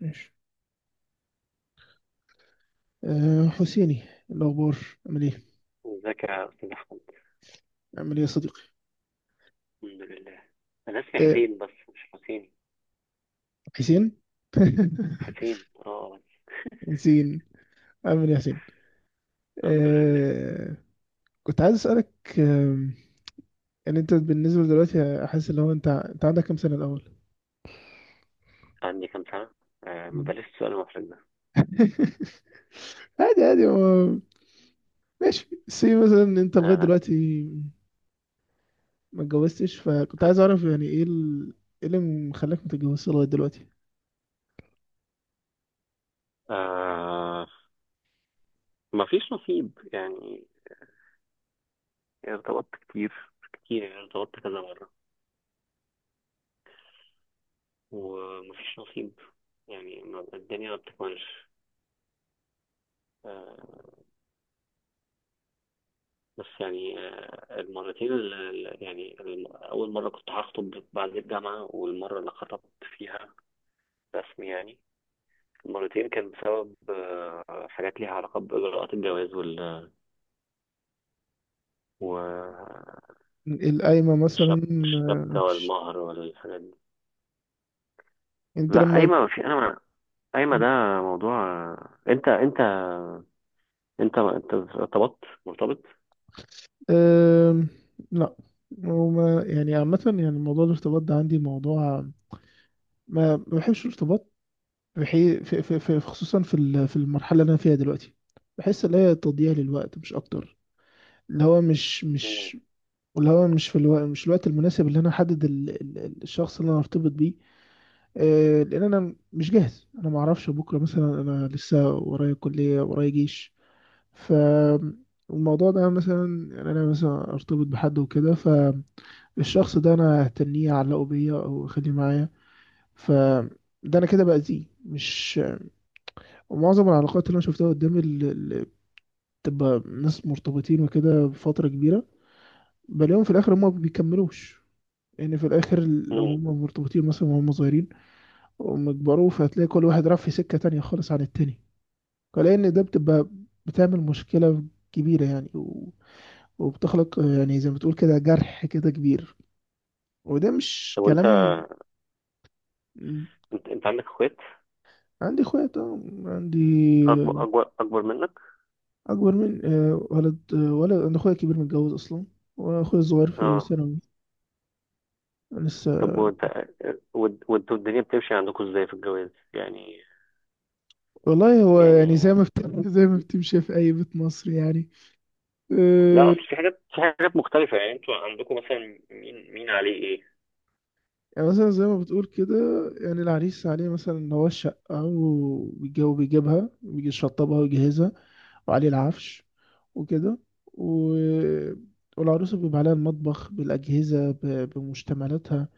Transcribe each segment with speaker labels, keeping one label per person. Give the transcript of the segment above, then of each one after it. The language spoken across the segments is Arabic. Speaker 1: ماشي. أه، حسيني الأخبار. عامل إيه؟
Speaker 2: ازيك يا استاذ احمد؟
Speaker 1: عامل إيه يا صديقي؟
Speaker 2: الحمد لله. انا اسمي
Speaker 1: أه.
Speaker 2: حسين بس، مش حسين.
Speaker 1: حسين؟
Speaker 2: حسين اه بس.
Speaker 1: حسين. عامل إيه يا حسين؟
Speaker 2: الحمد لله.
Speaker 1: أه. كنت عايز أسألك، آم، يعني أنت بالنسبة دلوقتي أحس إن هو أنت عندك كام سنة الأول؟
Speaker 2: عندي كام سنه؟ آه، ما
Speaker 1: مم.
Speaker 2: بلاش السؤال المحرج ده.
Speaker 1: عادي هو ماشي سي مثلا إن أنت لغاية
Speaker 2: آه.
Speaker 1: دلوقتي ما اتجوزتش، فكنت عايز أعرف يعني إيه إيه اللي مخليك ما تتجوزش لغاية دلوقتي؟
Speaker 2: آه ما فيش نصيب يعني. ارتبطت كتير، كتير، يعني ارتبطت كذا مره وما فيش نصيب. يعني الدنيا ما بتكملش. آه. بس يعني المرتين، اول مره كنت هخطب بعد الجامعه، والمره اللي خطبت فيها رسمي يعني. مرتين كان بسبب حاجات ليها علاقة بإجراءات الجواز والشبكة.
Speaker 1: القايمة مثلا. آه،
Speaker 2: الشبكة
Speaker 1: مش-
Speaker 2: والمهر والحاجات دي.
Speaker 1: أنت
Speaker 2: لا،
Speaker 1: لما...
Speaker 2: قايمة ما في أنا ما قايمة ده موضوع. أنت أنت أنت ارتبطت مرتبط؟
Speaker 1: أم، لا، وما يعني عامة يعني موضوع الارتباط ده عندي موضوع. ما بحبش الارتباط. بحي... في... في... في... خصوصا في المرحلة اللي أنا فيها دلوقتي. بحس إن هي تضييع للوقت مش أكتر. اللي هو مش
Speaker 2: مم.
Speaker 1: مش اللي هو مش في الوقت، مش الوقت المناسب اللي أنا أحدد الشخص اللي أنا أرتبط بيه. لأن أنا مش جاهز، أنا ما أعرفش بكرة مثلا، أنا لسه ورايا كلية ورايا جيش. ف الموضوع ده مثلا يعني أنا مثلا أرتبط بحد وكده، الشخص ده انا هتنيه اعلقه بيا او اخليه معايا. ف ده انا كده باذيه مش... ومعظم العلاقات اللي انا شفتها قدامي اللي بتبقى ناس مرتبطين وكده بفتره كبيره، بلاقيهم في الاخر هم ما بيكملوش. ان في الاخر لو
Speaker 2: مم.
Speaker 1: هم مرتبطين مثلا وهم صغيرين وهم كبروا، فهتلاقي كل واحد راح في سكه تانية خالص عن التاني. فلاقي ان ده بتبقى بتعمل مشكله كبيره يعني، و... وبتخلق يعني زي ما تقول كده جرح كده كبير. وده مش
Speaker 2: طب وأنت،
Speaker 1: كلام.
Speaker 2: أنت عندك إخوات
Speaker 1: عندي اخويا طبعا عندي.
Speaker 2: أكبر، منك؟
Speaker 1: اكبر من آه، ولد. آه، ولد. انا اخويا الكبير متجوز اصلا، واخويا الصغير في
Speaker 2: أه.
Speaker 1: ثانوي لسه.
Speaker 2: طب وأنت، وأنتوا الدنيا بتمشي عندكم إزاي في الجواز يعني؟
Speaker 1: والله هو يعني زي
Speaker 2: يعني
Speaker 1: ما بت... زي ما بتمشي في اي بيت مصري يعني.
Speaker 2: لا،
Speaker 1: آه.
Speaker 2: اصل في حاجات، مختلفة. يعني انتوا عندكم مثلا مين عليه ايه؟
Speaker 1: يعني مثلا زي ما بتقول كده، يعني العريس عليه مثلا اللي هو الشقة، بيجيبها بيجي يشطبها ويجهزها، وعليه العفش وكده و... والعروسة بيبقى عليها المطبخ بالأجهزة بمشتملاتها،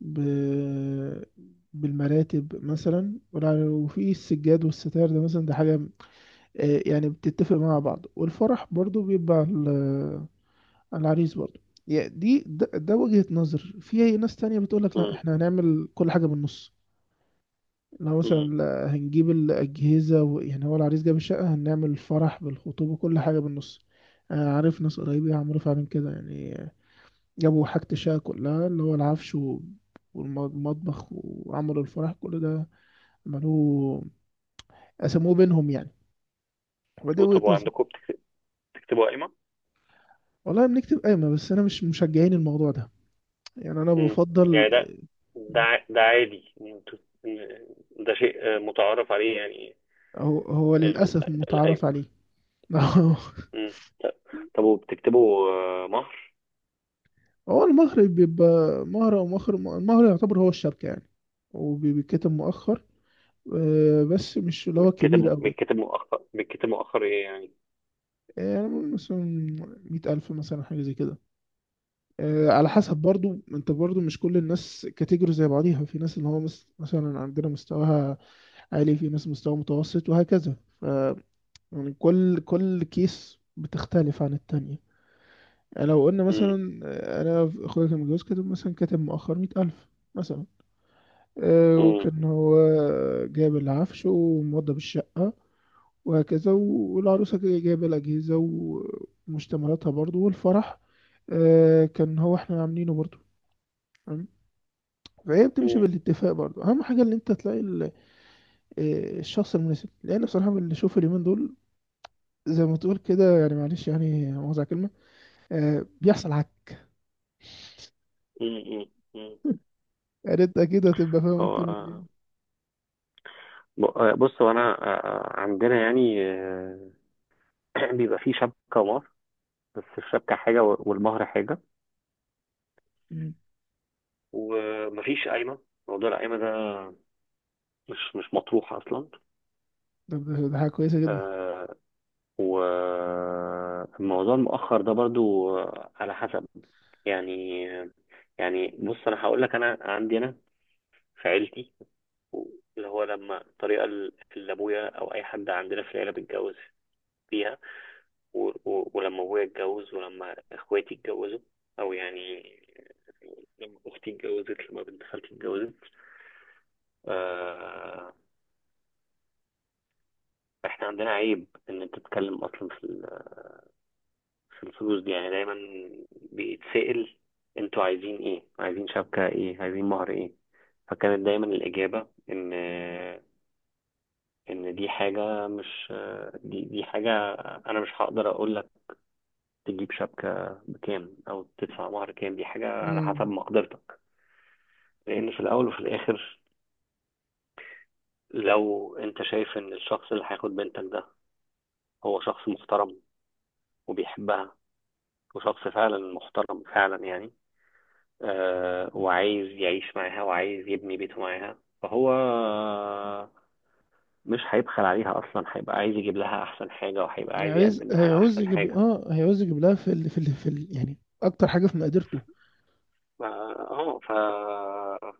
Speaker 1: ب... بالمراتب مثلا، وفي السجاد والستار ده مثلا، ده حاجة. آه، يعني بتتفق مع بعض، والفرح برضو بيبقى على العريس برضو. يعني ده وجهة نظر. في ناس تانية بتقولك لا
Speaker 2: امم
Speaker 1: احنا هنعمل كل حاجة بالنص. لو
Speaker 2: امم
Speaker 1: مثلا لا، هنجيب الأجهزة و... يعني هو العريس جاب الشقة، هنعمل الفرح بالخطوبة كل حاجة بالنص. آه، عارف ناس قريبة عملوا فعلا كده يعني، جابوا حاجة الشقة كلها اللي هو العفش والمطبخ، وعملوا الفرح كل ده عملوه، قسموه بينهم يعني. ودي وجهة
Speaker 2: وطب
Speaker 1: نظري.
Speaker 2: عندكم بتكتبوا قائمة؟
Speaker 1: والله بنكتب قايمة، بس أنا مش مشجعين الموضوع ده، يعني أنا
Speaker 2: امم.
Speaker 1: بفضل...
Speaker 2: يعني ده عادي إن إن ده شيء متعارف عليه يعني.
Speaker 1: هو هو للأسف متعارف
Speaker 2: القايمة.
Speaker 1: عليه.
Speaker 2: امم. طب طب وبتكتبوا مهر؟
Speaker 1: هو المهر بيبقى مهر أو المهر يعتبر هو الشبكة يعني، وبيتكتب مؤخر. آه، بس مش اللي هو كبير أوي.
Speaker 2: بتكتب مؤخر، بتكتب مؤخر ايه يعني؟
Speaker 1: يعني مثلا 100,000 مثلا، حاجة زي كده. آه، على حسب، برضو انت برضو مش كل الناس كاتيجوري زي بعضيها. في ناس اللي هو مثلا عندنا مستواها عالي، في ناس مستوى متوسط وهكذا. ف يعني كل كيس بتختلف عن التانية. يعني لو قلنا
Speaker 2: امم
Speaker 1: مثلا آه، انا اخويا كان متجوز كاتب مثلا، مؤخر 100,000 مثلا. آه،
Speaker 2: امم
Speaker 1: وكان هو جايب العفش وموضب الشقة وهكذا، والعروسة جايبة الأجهزة ومشتملاتها برضو، والفرح آه، كان هو احنا عاملينه برضو. فهي بتمشي
Speaker 2: امم
Speaker 1: بالاتفاق برضه. اهم حاجه ان انت تلاقي آه، الشخص المناسب، لان بصراحه من اللي شوف اليومين دول زي ما تقول كده، يعني معلش يعني مؤاخذه على الكلمه، آه، بيحصل عك.
Speaker 2: امم امم.
Speaker 1: يعني انت كده هتبقى فاهم
Speaker 2: هو
Speaker 1: اكتر مني.
Speaker 2: بص هو انا، عندنا يعني بيبقى في شبكة. بس الشبكة حاجة والمهر حاجة.
Speaker 1: مم.
Speaker 2: ومفيش قايمة. موضوع القايمة ده مش مطروح أصلا.
Speaker 1: طب ده حاجه كويسه جدا.
Speaker 2: آه. وموضوع المؤخر ده برضو على حسب يعني. يعني بص، أنا هقول لك. أنا عندي، أنا في عيلتي، اللي هو لما الطريقة اللي أبويا أو أي حد عندنا في العيلة بيتجوز فيها، ولما أبويا اتجوز ولما إخواتي اتجوزوا، أو يعني لما أختي اتجوزت، لما بنت خالتي اتجوزت، آه، احنا عندنا عيب ان انت تتكلم اصلا في في الفلوس دي. يعني دايما بيتسأل: انتوا عايزين ايه؟ عايزين شبكة ايه؟ عايزين مهر ايه؟ فكانت دايما الإجابة ان دي حاجة مش، دي حاجة انا مش هقدر اقول لك تجيب شبكة بكام او تدفع مهر كام. دي حاجة على حسب
Speaker 1: مم.
Speaker 2: مقدرتك. لان في الاول وفي الاخر، لو انت شايف ان الشخص اللي هياخد بنتك ده هو شخص محترم وبيحبها، وشخص فعلا محترم فعلا يعني، وعايز يعيش معاها وعايز يبني بيته معاها، فهو مش هيبخل عليها اصلا، هيبقى عايز يجيب لها احسن حاجه وهيبقى عايز
Speaker 1: عايز
Speaker 2: يقدم لها
Speaker 1: هيعوز
Speaker 2: احسن
Speaker 1: يجيب
Speaker 2: حاجه.
Speaker 1: اه هيعوز يجيب لها يعني اكتر حاجه في مقدرته.
Speaker 2: ف- اه ف...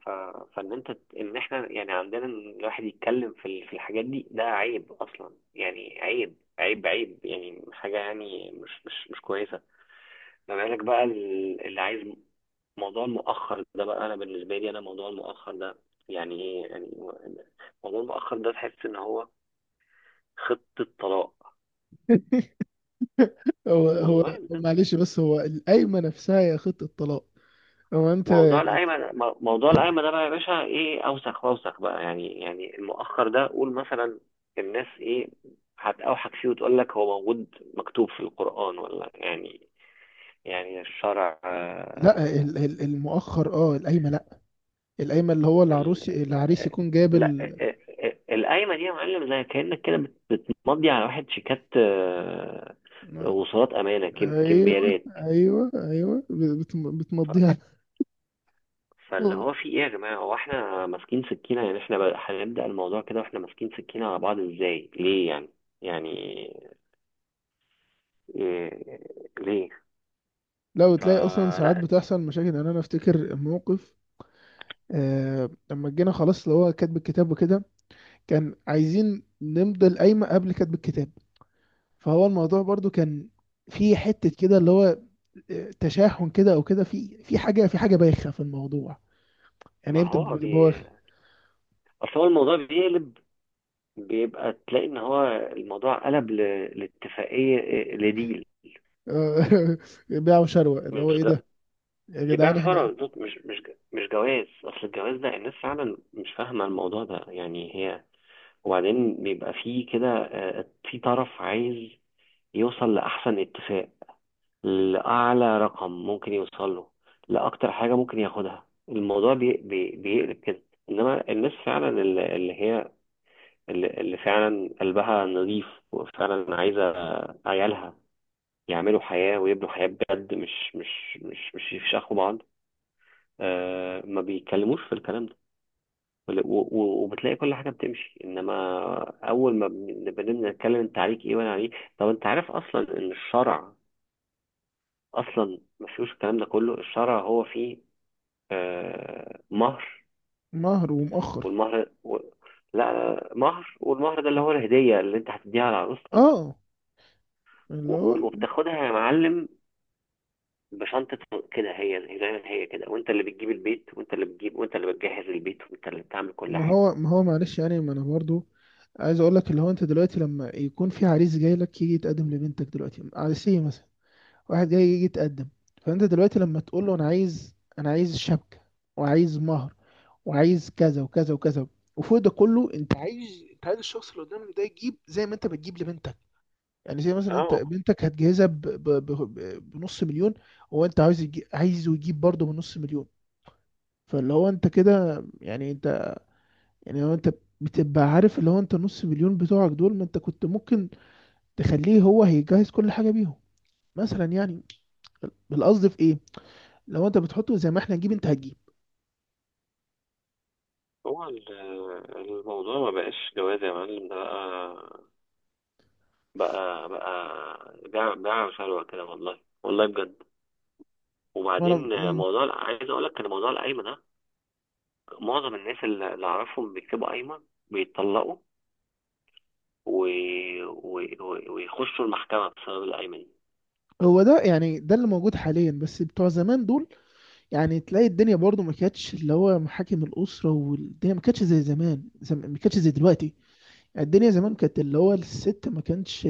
Speaker 2: ف... فان انت، ان احنا يعني عندنا إن الواحد يتكلم في في الحاجات دي ده عيب اصلا، يعني عيب، عيب، عيب، يعني حاجه يعني مش كويسه. ما بالك بقى اللي عايز. موضوع المؤخر ده بقى، انا بالنسبه لي انا موضوع المؤخر ده يعني ايه يعني. موضوع المؤخر ده تحس ان هو خطه طلاق.
Speaker 1: هو هو
Speaker 2: موضوع ده.
Speaker 1: معلش، بس هو القايمه نفسها هي خطه طلاق. هو انت
Speaker 2: موضوع
Speaker 1: يعني
Speaker 2: القايمه موضوع القايمه ده بقى يا باشا، ايه! اوسخ واوسخ بقى يعني. يعني المؤخر ده قول مثلا الناس ايه هتوحك فيه وتقول لك هو موجود مكتوب في القران، ولا يعني، يعني الشرع.
Speaker 1: لا المؤخر اه القايمه. القايمة اللي هو العروس
Speaker 2: ال...
Speaker 1: العريس يكون جايب
Speaker 2: لا،
Speaker 1: ال...
Speaker 2: القايمه دي يا معلم زي كانك كده بتمضي على واحد شيكات، وصولات امانه،
Speaker 1: ايوه
Speaker 2: كمبيالات.
Speaker 1: ايوه ايوه
Speaker 2: ف-
Speaker 1: بتمضيها.
Speaker 2: فاللي هو في ايه يا جماعه؟ هو احنا ماسكين سكينه يعني؟ احنا هنبدا الموضوع كده واحنا ماسكين سكينه على بعض؟ ازاي؟ ليه يعني؟ يعني إيه؟ ليه؟
Speaker 1: لو تلاقي اصلا ساعات
Speaker 2: فلا.
Speaker 1: بتحصل مشاكل، يعني انا افتكر موقف آه لما جينا خلاص اللي هو كاتب الكتاب وكده، كان عايزين نمضي القايمة قبل كاتب الكتاب. فهو الموضوع برضو كان في حتة كده اللي هو آه، تشاحن كده او كده، في في حاجة، في حاجة بايخة في الموضوع يعني
Speaker 2: ما
Speaker 1: يبدأ
Speaker 2: هو بي
Speaker 1: بواخ.
Speaker 2: اصل هو الموضوع بيقلب، بيبقى تلاقي ان هو الموضوع قلب لاتفاقيه، لديل.
Speaker 1: بيع وشروة
Speaker 2: مش،
Speaker 1: اللي هو ايه ده يا
Speaker 2: اللي
Speaker 1: جدعان
Speaker 2: بيع شرع
Speaker 1: احنا.
Speaker 2: بالظبط. مش جواز. اصل الجواز ده الناس فعلا مش فاهمه الموضوع ده يعني هي. وبعدين بيبقى فيه كده، في طرف عايز يوصل لاحسن اتفاق، لاعلى رقم ممكن يوصل له، لاكتر حاجه ممكن ياخدها. الموضوع بي بي بيقلب كده. انما الناس فعلا اللي اللي هي اللي اللي فعلا قلبها نظيف، وفعلا عايزه عيالها يعملوا حياه ويبنوا حياه بجد، مش يفشخوا بعض، ما بيتكلموش في الكلام ده. وبتلاقي كل حاجه بتمشي. انما اول ما بنبدا نتكلم انت عليك ايه وانا عليك. طب انت عارف اصلا ان الشرع اصلا ما فيهوش الكلام ده كله؟ الشرع هو فيه مهر.
Speaker 1: مهر ومؤخر.
Speaker 2: والمهر لا لا، مهر. والمهر ده اللي هو الهديه اللي انت هتديها لعروستك.
Speaker 1: اه اللي هو
Speaker 2: وبتاخدها يا معلم بشنطة كده، هي زي ما هي كده، وانت اللي بتجيب البيت وانت اللي بتجيب وانت اللي بتجهز البيت وانت اللي بتعمل كل
Speaker 1: ما
Speaker 2: حاجة.
Speaker 1: هو ما هو معلش، يعني ما انا برضو عايز اقول لك اللي هو انت دلوقتي لما يكون في عريس جاي لك يجي يتقدم لبنتك دلوقتي عريسيه مثلا، واحد جاي يجي يتقدم. فانت دلوقتي لما تقول له انا عايز شبكه وعايز مهر وعايز كذا وكذا وكذا، وفوق ده كله انت عايز الشخص اللي قدامك ده يجيب زي ما انت بتجيب لبنتك. يعني زي مثلا انت
Speaker 2: اه.
Speaker 1: بنتك هتجهزها بنص مليون، وانت عايز عايزه يجيب برضه بنص مليون. فاللي هو انت كده يعني انت... يعني لو انت بتبقى عارف اللي هو انت نص مليون بتوعك دول، ما انت كنت ممكن تخليه هو هيجهز كل حاجه بيهم مثلا يعني. القصد في ايه؟ لو انت بتحطه زي ما احنا نجيب انت هتجيب.
Speaker 2: هو الموضوع ما بقاش جواز يا معلم، ده بقى، بيع، بيع وشهوة كده. والله والله بجد. وبعدين
Speaker 1: مم.
Speaker 2: موضوع عايز اقول لك ان موضوع القايمه ده معظم الناس اللي اعرفهم بيكتبوا قايمه بيتطلقوا و... ويخشوا المحكمه بسبب القايمه دي.
Speaker 1: هو ده يعني ده اللي موجود حاليا، بس بتوع زمان دول يعني، تلاقي الدنيا برضو ما كانتش اللي هو محاكم الاسره، والدنيا ما كانتش زي زمان، ما كانتش زي دلوقتي. يعني الدنيا زمان كانت اللي هو الست ما كانش...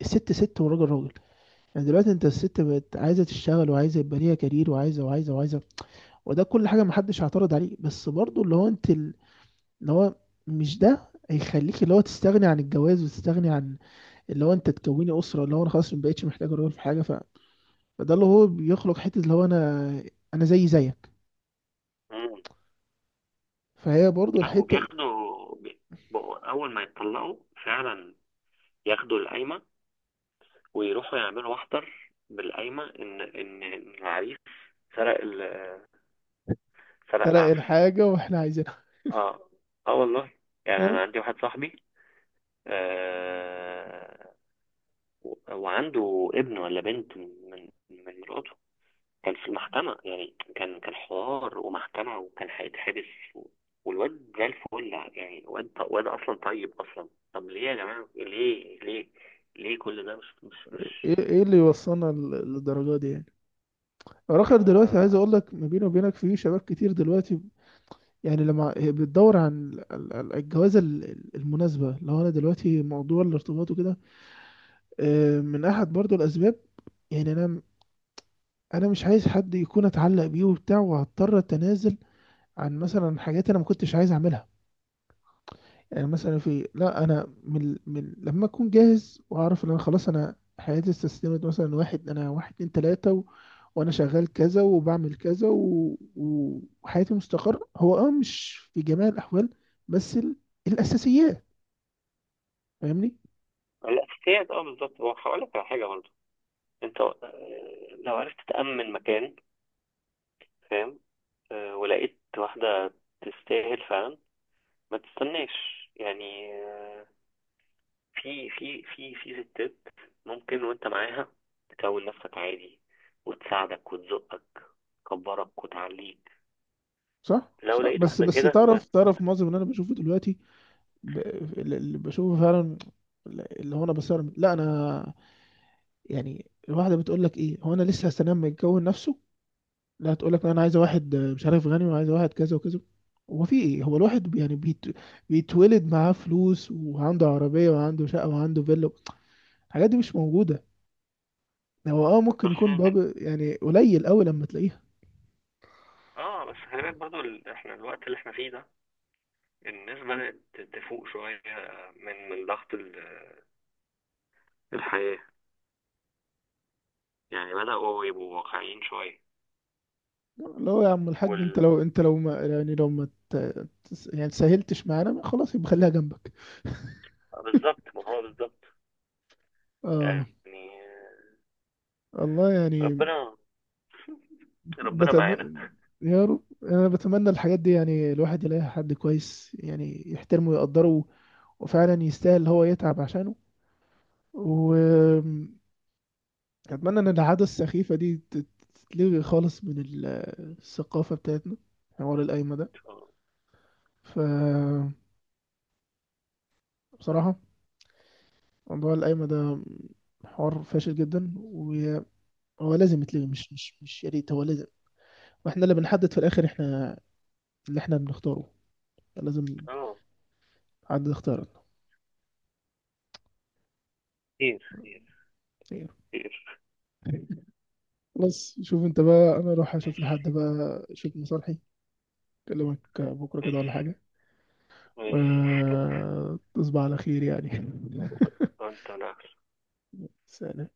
Speaker 1: الست ست والراجل راجل. يعني دلوقتي انت الست بقت عايزه تشتغل وعايزه يبقى ليها كارير، وعايزه. وده كل حاجه محدش هيعترض عليه، بس برضو اللي هو انت اللي هو مش ده هيخليك اللي هو تستغني عن الجواز وتستغني عن اللي هو انت تكوني اسره اللي هو انا خلاص ما بقتش محتاج راجل في حاجه. فده اللي هو بيخلق حته اللي هو انا زي زيك.
Speaker 2: مم.
Speaker 1: فهي برضو
Speaker 2: لا.
Speaker 1: الحته
Speaker 2: بقوا اول ما يتطلقوا فعلا ياخدوا القايمه ويروحوا يعملوا محضر بالقايمه ان إن العريس سرق فلا
Speaker 1: تلاقي
Speaker 2: العفش.
Speaker 1: الحاجه واحنا عايزينها.
Speaker 2: اه. اه والله. يعني
Speaker 1: اه؟
Speaker 2: انا عندي واحد صاحبي، آه، وعنده ابن ولا بنت من مراته. كان في المحكمة يعني، كان حوار ومحكمة وكان هيتحبس، و- والواد زي الفل. يعني واد اصلا طيب اصلا. طب ليه يا جماعة؟ ليه كل ده؟ مش مش مش
Speaker 1: ايه اللي يوصلنا للدرجه دي يعني. رخر
Speaker 2: ف.
Speaker 1: دلوقتي عايز اقول لك ما بيني وبينك في شباب كتير دلوقتي. يعني لما هي بتدور عن الجوازه المناسبه، لو انا دلوقتي موضوع الارتباط وكده آه، من احد برضو الاسباب. يعني انا مش عايز حد يكون اتعلق بيه وبتاع وهضطر اتنازل عن مثلا حاجات انا ما كنتش عايز اعملها. يعني مثلا في لا انا من لما اكون جاهز واعرف ان انا خلاص، انا حياتي استسلمت مثلا واحد، انا واحد اتنين تلاتة و... وانا شغال كذا وبعمل كذا و... وحياتي مستقر، هو اه مش في جميع الاحوال، بس الاساسيات. فاهمني.
Speaker 2: الاساسيات، اه بالظبط. هو هقول لك على حاجة برضه. انت لو عرفت تأمن مكان، فاهم، ولقيت واحدة تستاهل فعلا، ما تستناش. يعني في في ستات ممكن وانت معاها تكون نفسك عادي وتساعدك وتزقك، تكبرك وتعليك.
Speaker 1: صح
Speaker 2: لو
Speaker 1: صح
Speaker 2: لقيت
Speaker 1: بس
Speaker 2: واحدة
Speaker 1: بس
Speaker 2: كده، ما.
Speaker 1: تعرف معظم اللي انا بشوفه دلوقتي. ب- اللي بشوفه فعلا اللي هو انا بصرم لا انا. يعني الواحده بتقول لك ايه، هو انا لسه هستنى لما يتجوز نفسه، لا تقول لك انا عايزه واحد مش عارف غني، وعايزه واحد كذا وكذا. هو في ايه، هو الواحد يعني بيتولد معاه فلوس، وعنده عربيه وعنده شقه وعنده فيلا. الحاجات دي مش موجوده. هو اه ممكن
Speaker 2: بس.
Speaker 1: يكون باب يعني قليل قوي لما تلاقيها.
Speaker 2: اه بس خلي بالك برضو احنا الوقت اللي احنا فيه ده الناس بدأت تفوق شوية من ضغط الحياة. يعني بدأوا يبقوا واقعيين شوية.
Speaker 1: لا هو يا عم الحاج، انت
Speaker 2: وال...
Speaker 1: لو لو ما يعني لو ما يعني سهلتش معانا خلاص يبقى خليها جنبك.
Speaker 2: بالظبط، ما هو بالظبط.
Speaker 1: اه
Speaker 2: يعني
Speaker 1: والله يعني.
Speaker 2: ربنا، ربنا
Speaker 1: بتم...
Speaker 2: معانا.
Speaker 1: يا رب، انا بتمنى الحاجات دي يعني الواحد يلاقي حد كويس يعني يحترمه ويقدره، وفعلا يستاهل اللي هو يتعب عشانه. واتمنى ان العادة السخيفة دي تتلغي خالص من الثقافة بتاعتنا، حوار القايمة ده.
Speaker 2: إن شاء الله.
Speaker 1: ف بصراحة موضوع القايمة ده حوار فاشل جدا، وهو لازم يتلغي. مش مش مش يا ريت، هو لازم، واحنا اللي بنحدد في الاخر احنا اللي احنا بنختاره. لازم
Speaker 2: اه.
Speaker 1: حد
Speaker 2: خير، خير،
Speaker 1: يختارنا.
Speaker 2: خير.
Speaker 1: بس شوف انت بقى، انا اروح اشوف
Speaker 2: ماشي،
Speaker 1: لحد بقى شوف مصالحي. اكلمك بكره كده ولا
Speaker 2: ماشي،
Speaker 1: حاجه.
Speaker 2: ماشي.
Speaker 1: وتصبح على خير يعني.
Speaker 2: وانت انا.
Speaker 1: سلام.